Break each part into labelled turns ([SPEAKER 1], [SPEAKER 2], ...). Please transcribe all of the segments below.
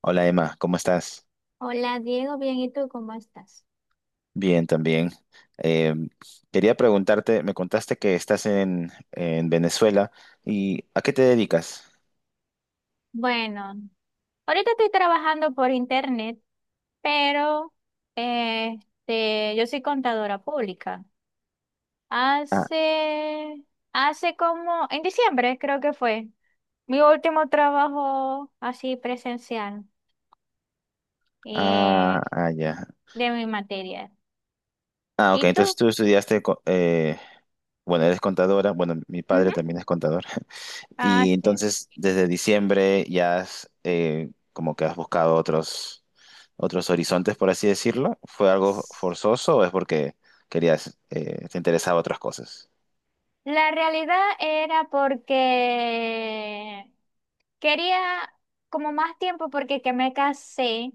[SPEAKER 1] Hola Emma, ¿cómo estás?
[SPEAKER 2] Hola Diego, bien, ¿y tú cómo estás?
[SPEAKER 1] Bien, también. Eh, quería preguntarte, me contaste que estás en Venezuela y ¿a qué te dedicas?
[SPEAKER 2] Bueno, ahorita estoy trabajando por internet, pero yo soy contadora pública.
[SPEAKER 1] Ah,
[SPEAKER 2] Hace, hace como, en diciembre creo que fue, mi último trabajo así presencial,
[SPEAKER 1] ah,
[SPEAKER 2] eh,
[SPEAKER 1] ah, ya.
[SPEAKER 2] de mi materia.
[SPEAKER 1] Ah, ok,
[SPEAKER 2] ¿Y
[SPEAKER 1] entonces
[SPEAKER 2] tú?
[SPEAKER 1] tú estudiaste, bueno, eres contadora, bueno, mi
[SPEAKER 2] Ujú.
[SPEAKER 1] padre también es contador.
[SPEAKER 2] Ah,
[SPEAKER 1] Y entonces desde diciembre ya has, como que has buscado otros, otros horizontes, por así decirlo. ¿Fue algo
[SPEAKER 2] sí.
[SPEAKER 1] forzoso o es porque querías, te interesaba otras cosas?
[SPEAKER 2] La realidad era porque quería como más tiempo porque que me casé,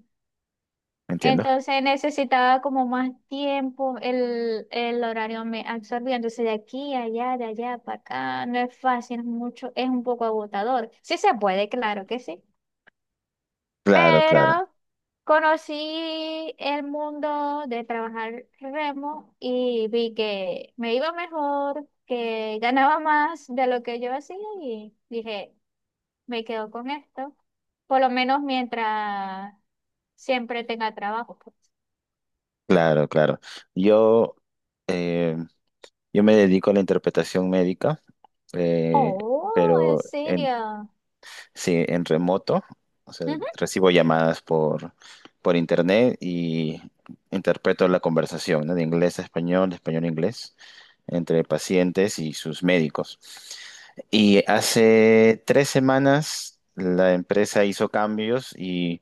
[SPEAKER 1] Entiendo.
[SPEAKER 2] entonces necesitaba como más tiempo, el horario me absorbía, entonces de aquí a allá, de allá para acá, no es fácil, es mucho, es un poco agotador. Sí se puede, claro que sí,
[SPEAKER 1] Claro, claro,
[SPEAKER 2] pero conocí el mundo de trabajar remo y vi que me iba mejor, que ganaba más de lo que yo hacía y dije, me quedo con esto, por lo menos mientras siempre tenga trabajo, pues.
[SPEAKER 1] claro, claro. Yo, eh, yo me dedico a la interpretación médica, eh,
[SPEAKER 2] Oh, ¿en
[SPEAKER 1] pero en,
[SPEAKER 2] serio?
[SPEAKER 1] sí, en remoto. O sea,
[SPEAKER 2] Ujú,
[SPEAKER 1] recibo llamadas por internet y interpreto la conversación, ¿no? De inglés a español, de español a inglés, entre pacientes y sus médicos. Y hace tres semanas la empresa hizo cambios y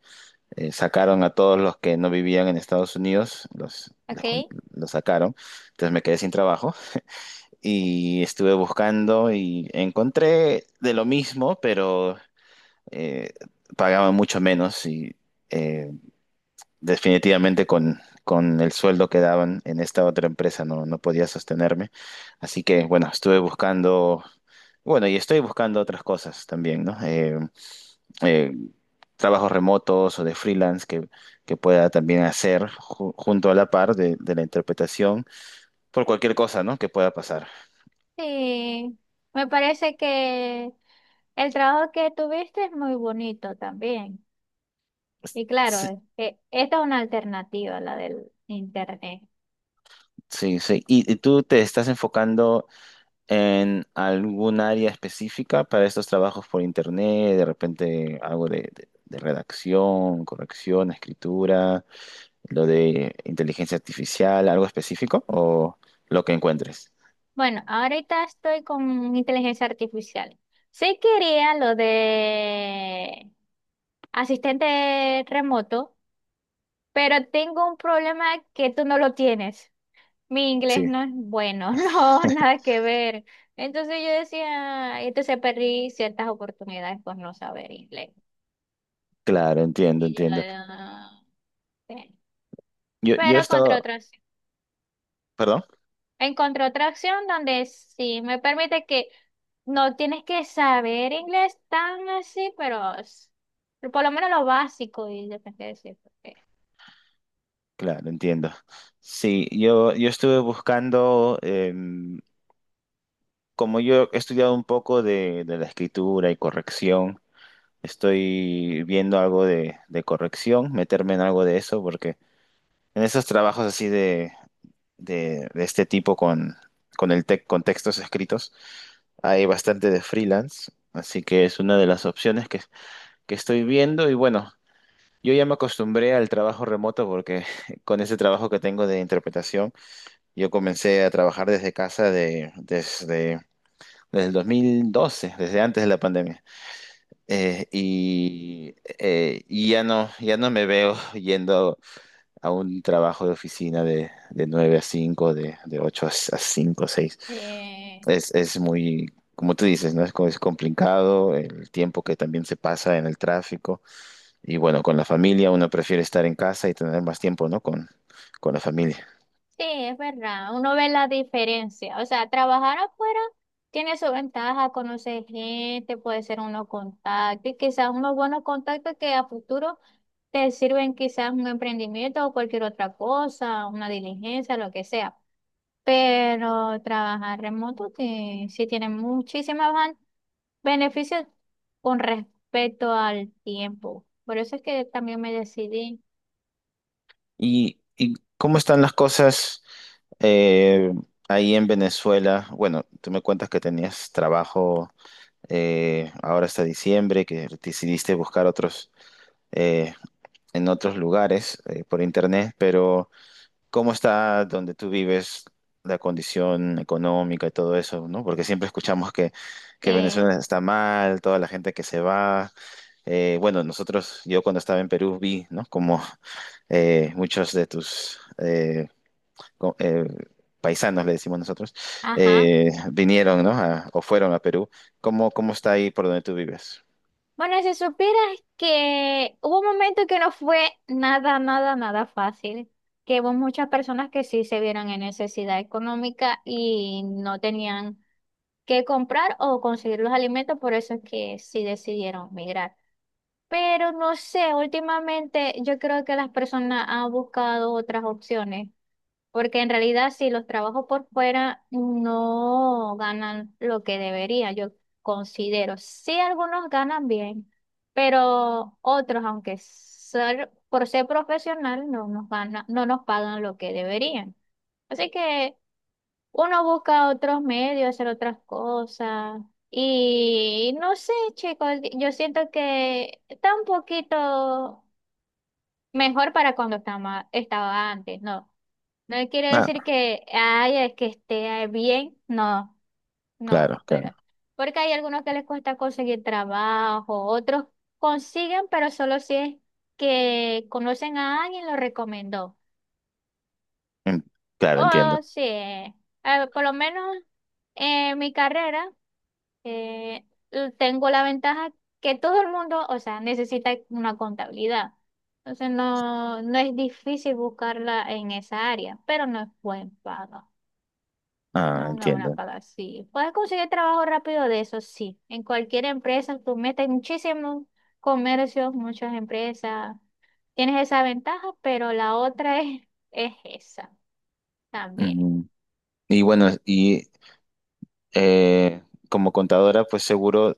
[SPEAKER 1] sacaron a todos los que no vivían en Estados Unidos,
[SPEAKER 2] ok,
[SPEAKER 1] los sacaron. Entonces me quedé sin trabajo y estuve buscando y encontré de lo mismo, pero eh, pagaban mucho menos y eh, definitivamente con el sueldo que daban en esta otra empresa no podía sostenerme. Así que bueno, estuve buscando, bueno, y estoy buscando otras cosas también, ¿no? Eh, trabajos remotos o de freelance que pueda también hacer junto a la par de la interpretación por cualquier cosa, ¿no? que pueda pasar.
[SPEAKER 2] sí. Me parece que el trabajo que tuviste es muy bonito también. Y claro,
[SPEAKER 1] Sí,
[SPEAKER 2] es que esta es una alternativa, la del internet.
[SPEAKER 1] sí, sí. Y tú te estás enfocando en algún área específica para estos trabajos por internet? De repente algo de redacción, corrección, escritura, lo de inteligencia artificial, algo específico o lo que encuentres.
[SPEAKER 2] Bueno, ahorita estoy con inteligencia artificial. Sí quería lo de asistente remoto, pero tengo un problema que tú no lo tienes. Mi inglés
[SPEAKER 1] Sí.
[SPEAKER 2] no es bueno, no, nada que ver. Entonces yo decía, entonces perdí ciertas oportunidades por no saber inglés.
[SPEAKER 1] Claro, entiendo,
[SPEAKER 2] Y yo,
[SPEAKER 1] entiendo.
[SPEAKER 2] sí.
[SPEAKER 1] Yo, yo he
[SPEAKER 2] Pero contra
[SPEAKER 1] estado,
[SPEAKER 2] otras.
[SPEAKER 1] Perdón,
[SPEAKER 2] Encontré otra opción donde sí me permite que no tienes que saber inglés tan así, por lo menos lo básico y depende de decir porque
[SPEAKER 1] claro, entiendo. Sí, yo estuve buscando, como yo he estudiado un poco de la escritura y corrección, estoy viendo algo de corrección, meterme en algo de eso, porque en esos trabajos así de este tipo con textos escritos, hay bastante de freelance, así que es una de las opciones que estoy viendo y bueno, yo ya me acostumbré al trabajo remoto porque con ese trabajo que tengo de interpretación, yo comencé a trabajar desde desde el 2012, desde antes de la pandemia. Y ya no, ya no me veo yendo a un trabajo de oficina de 9 a cinco, de 8 a cinco o seis.
[SPEAKER 2] eh,
[SPEAKER 1] Es muy, como tú dices, ¿no? Es, es complicado el tiempo que también se pasa en el tráfico. Y bueno, con la familia uno prefiere estar en casa y tener más tiempo, ¿no? Con la familia.
[SPEAKER 2] sí, es verdad, uno ve la diferencia. O sea, trabajar afuera tiene su ventaja, conocer gente, puede ser uno contacto y quizás unos buenos contactos que a futuro te sirven quizás un emprendimiento o cualquier otra cosa, una diligencia, lo que sea. Pero trabajar remoto sí, sí tiene muchísimos beneficios con respecto al tiempo. Por eso es que también me decidí.
[SPEAKER 1] Y cómo están las cosas eh, ahí en Venezuela? Bueno, tú me cuentas que tenías trabajo ahora hasta diciembre, que decidiste buscar otros eh, en otros lugares por internet, pero ¿cómo está donde tú vives la condición económica y todo eso, ¿no? Porque siempre escuchamos que
[SPEAKER 2] eh,
[SPEAKER 1] Venezuela está mal, toda la gente que se va. Bueno, nosotros, yo cuando estaba en Perú vi, ¿no? Como muchos de tus co- eh, paisanos, le decimos nosotros,
[SPEAKER 2] ajá.
[SPEAKER 1] vinieron, ¿no? O fueron a Perú. ¿Cómo, cómo está ahí por donde tú vives?
[SPEAKER 2] Bueno, si supieras que hubo un momento que no fue nada, nada, nada fácil, que hubo muchas personas que sí se vieron en necesidad económica y no tenían que comprar o conseguir los alimentos, por eso es que sí decidieron migrar. Pero no sé, últimamente yo creo que las personas han buscado otras opciones, porque en realidad si los trabajos por fuera no ganan lo que debería, yo considero. Sí, algunos ganan bien, pero otros, aunque ser, por ser profesional, no nos gana, no nos pagan lo que deberían. Así que uno busca otros medios, hacer otras cosas. Y no sé, chicos, yo siento que está un poquito mejor para cuando estaba antes, ¿no? No quiere decir
[SPEAKER 1] Ah,
[SPEAKER 2] que, ay, es que esté bien, no,
[SPEAKER 1] claro,
[SPEAKER 2] no,
[SPEAKER 1] claro.
[SPEAKER 2] pero porque hay algunos que les cuesta conseguir trabajo, otros consiguen, pero solo si es que conocen a alguien lo recomendó.
[SPEAKER 1] En- claro,
[SPEAKER 2] Oh,
[SPEAKER 1] entiendo.
[SPEAKER 2] sí. Por lo menos en mi carrera, eh, tengo la ventaja que todo el mundo, o sea, necesita una contabilidad. Entonces no, no es difícil buscarla en esa área, pero no es buen pago. No
[SPEAKER 1] Ah,
[SPEAKER 2] es una buena
[SPEAKER 1] entiendo.
[SPEAKER 2] paga, sí. Puedes conseguir trabajo rápido de eso, sí. En cualquier empresa, tú metes muchísimos comercios, muchas empresas. Tienes esa ventaja, pero la otra es esa también.
[SPEAKER 1] Ujú. Y bueno, y eh, como contadora, pues seguro,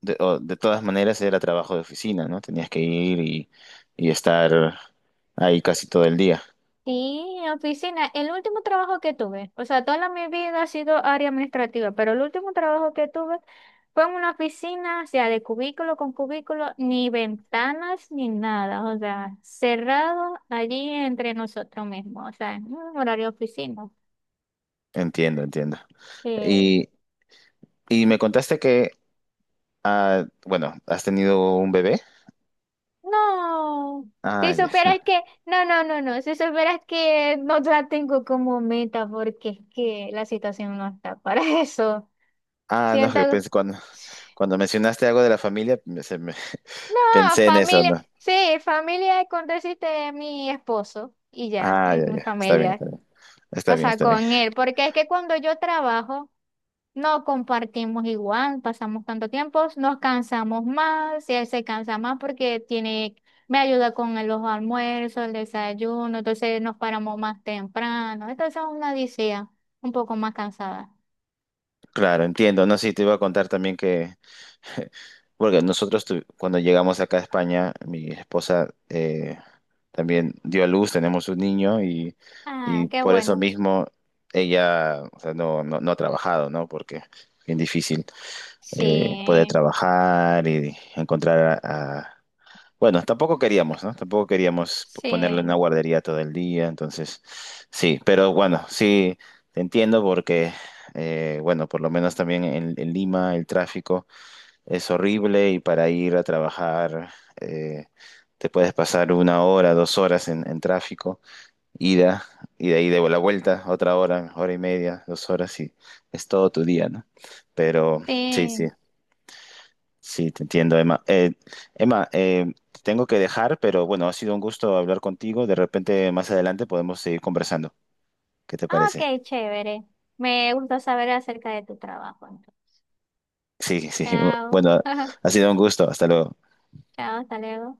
[SPEAKER 1] de, o de todas maneras era trabajo de oficina, ¿no? Tenías que ir y estar ahí casi todo el día.
[SPEAKER 2] Sí, en oficina. El último trabajo que tuve, o sea, mi vida ha sido área administrativa, pero el último trabajo que tuve fue en una oficina, o sea, de cubículo con cubículo, ni ventanas ni nada, o sea, cerrado allí entre nosotros mismos, o sea, en un horario de oficina.
[SPEAKER 1] Entiendo, entiendo.
[SPEAKER 2] Eh,
[SPEAKER 1] Y, y me contaste que, ah, bueno, has tenido un bebé.
[SPEAKER 2] no,
[SPEAKER 1] Ah,
[SPEAKER 2] si
[SPEAKER 1] ya. No.
[SPEAKER 2] supieras que, no, no, no, no, si supieras que no la tengo como meta porque es que la situación no está para eso.
[SPEAKER 1] Ah, no,
[SPEAKER 2] Siento.
[SPEAKER 1] que pensé, cuando, cuando mencionaste algo de la familia,
[SPEAKER 2] No,
[SPEAKER 1] pensé en eso,
[SPEAKER 2] familia,
[SPEAKER 1] ¿no?
[SPEAKER 2] sí, familia con decirte de mi esposo y ya,
[SPEAKER 1] Ah, ya,
[SPEAKER 2] es mi
[SPEAKER 1] ya. Está bien, está
[SPEAKER 2] familia.
[SPEAKER 1] bien. Está
[SPEAKER 2] O
[SPEAKER 1] bien,
[SPEAKER 2] sea,
[SPEAKER 1] está bien.
[SPEAKER 2] con él, porque es que cuando yo trabajo, no compartimos igual, pasamos tanto tiempo, nos cansamos más, y él se cansa más porque tiene, me ayuda con los almuerzos, el desayuno, entonces nos paramos más temprano, entonces es una odisea, un poco más cansada.
[SPEAKER 1] Claro, entiendo. No, sí, te iba a contar también que porque nosotros cuando llegamos acá a España, mi esposa también dio a luz, tenemos un niño
[SPEAKER 2] Ah,
[SPEAKER 1] y
[SPEAKER 2] qué
[SPEAKER 1] por eso
[SPEAKER 2] bueno.
[SPEAKER 1] mismo ella o sea, no, no, no ha trabajado, ¿no? Porque es bien difícil poder
[SPEAKER 2] Sí,
[SPEAKER 1] trabajar y encontrar a- Bueno, tampoco queríamos, ¿no? Tampoco queríamos ponerle en una
[SPEAKER 2] sí,
[SPEAKER 1] guardería todo el día, entonces sí, pero bueno, sí, te entiendo porque, bueno, por lo menos también en Lima el tráfico es horrible y para ir a trabajar eh, te puedes pasar una hora, dos horas en tráfico, ida, y de ahí de la vuelta, otra hora, hora y media, dos horas y es todo tu día, ¿no? Pero sí,
[SPEAKER 2] sí.
[SPEAKER 1] sí, sí, te entiendo, Emma. Emma, te tengo que dejar, pero bueno, ha sido un gusto hablar contigo. De repente más adelante podemos seguir conversando. ¿Qué te
[SPEAKER 2] Ah,
[SPEAKER 1] parece?
[SPEAKER 2] ok, chévere. Me gusta saber acerca de tu trabajo, entonces.
[SPEAKER 1] Sí, sí,
[SPEAKER 2] Chao.
[SPEAKER 1] bueno, ha sido un gusto. Hasta luego.
[SPEAKER 2] Chao, hasta luego.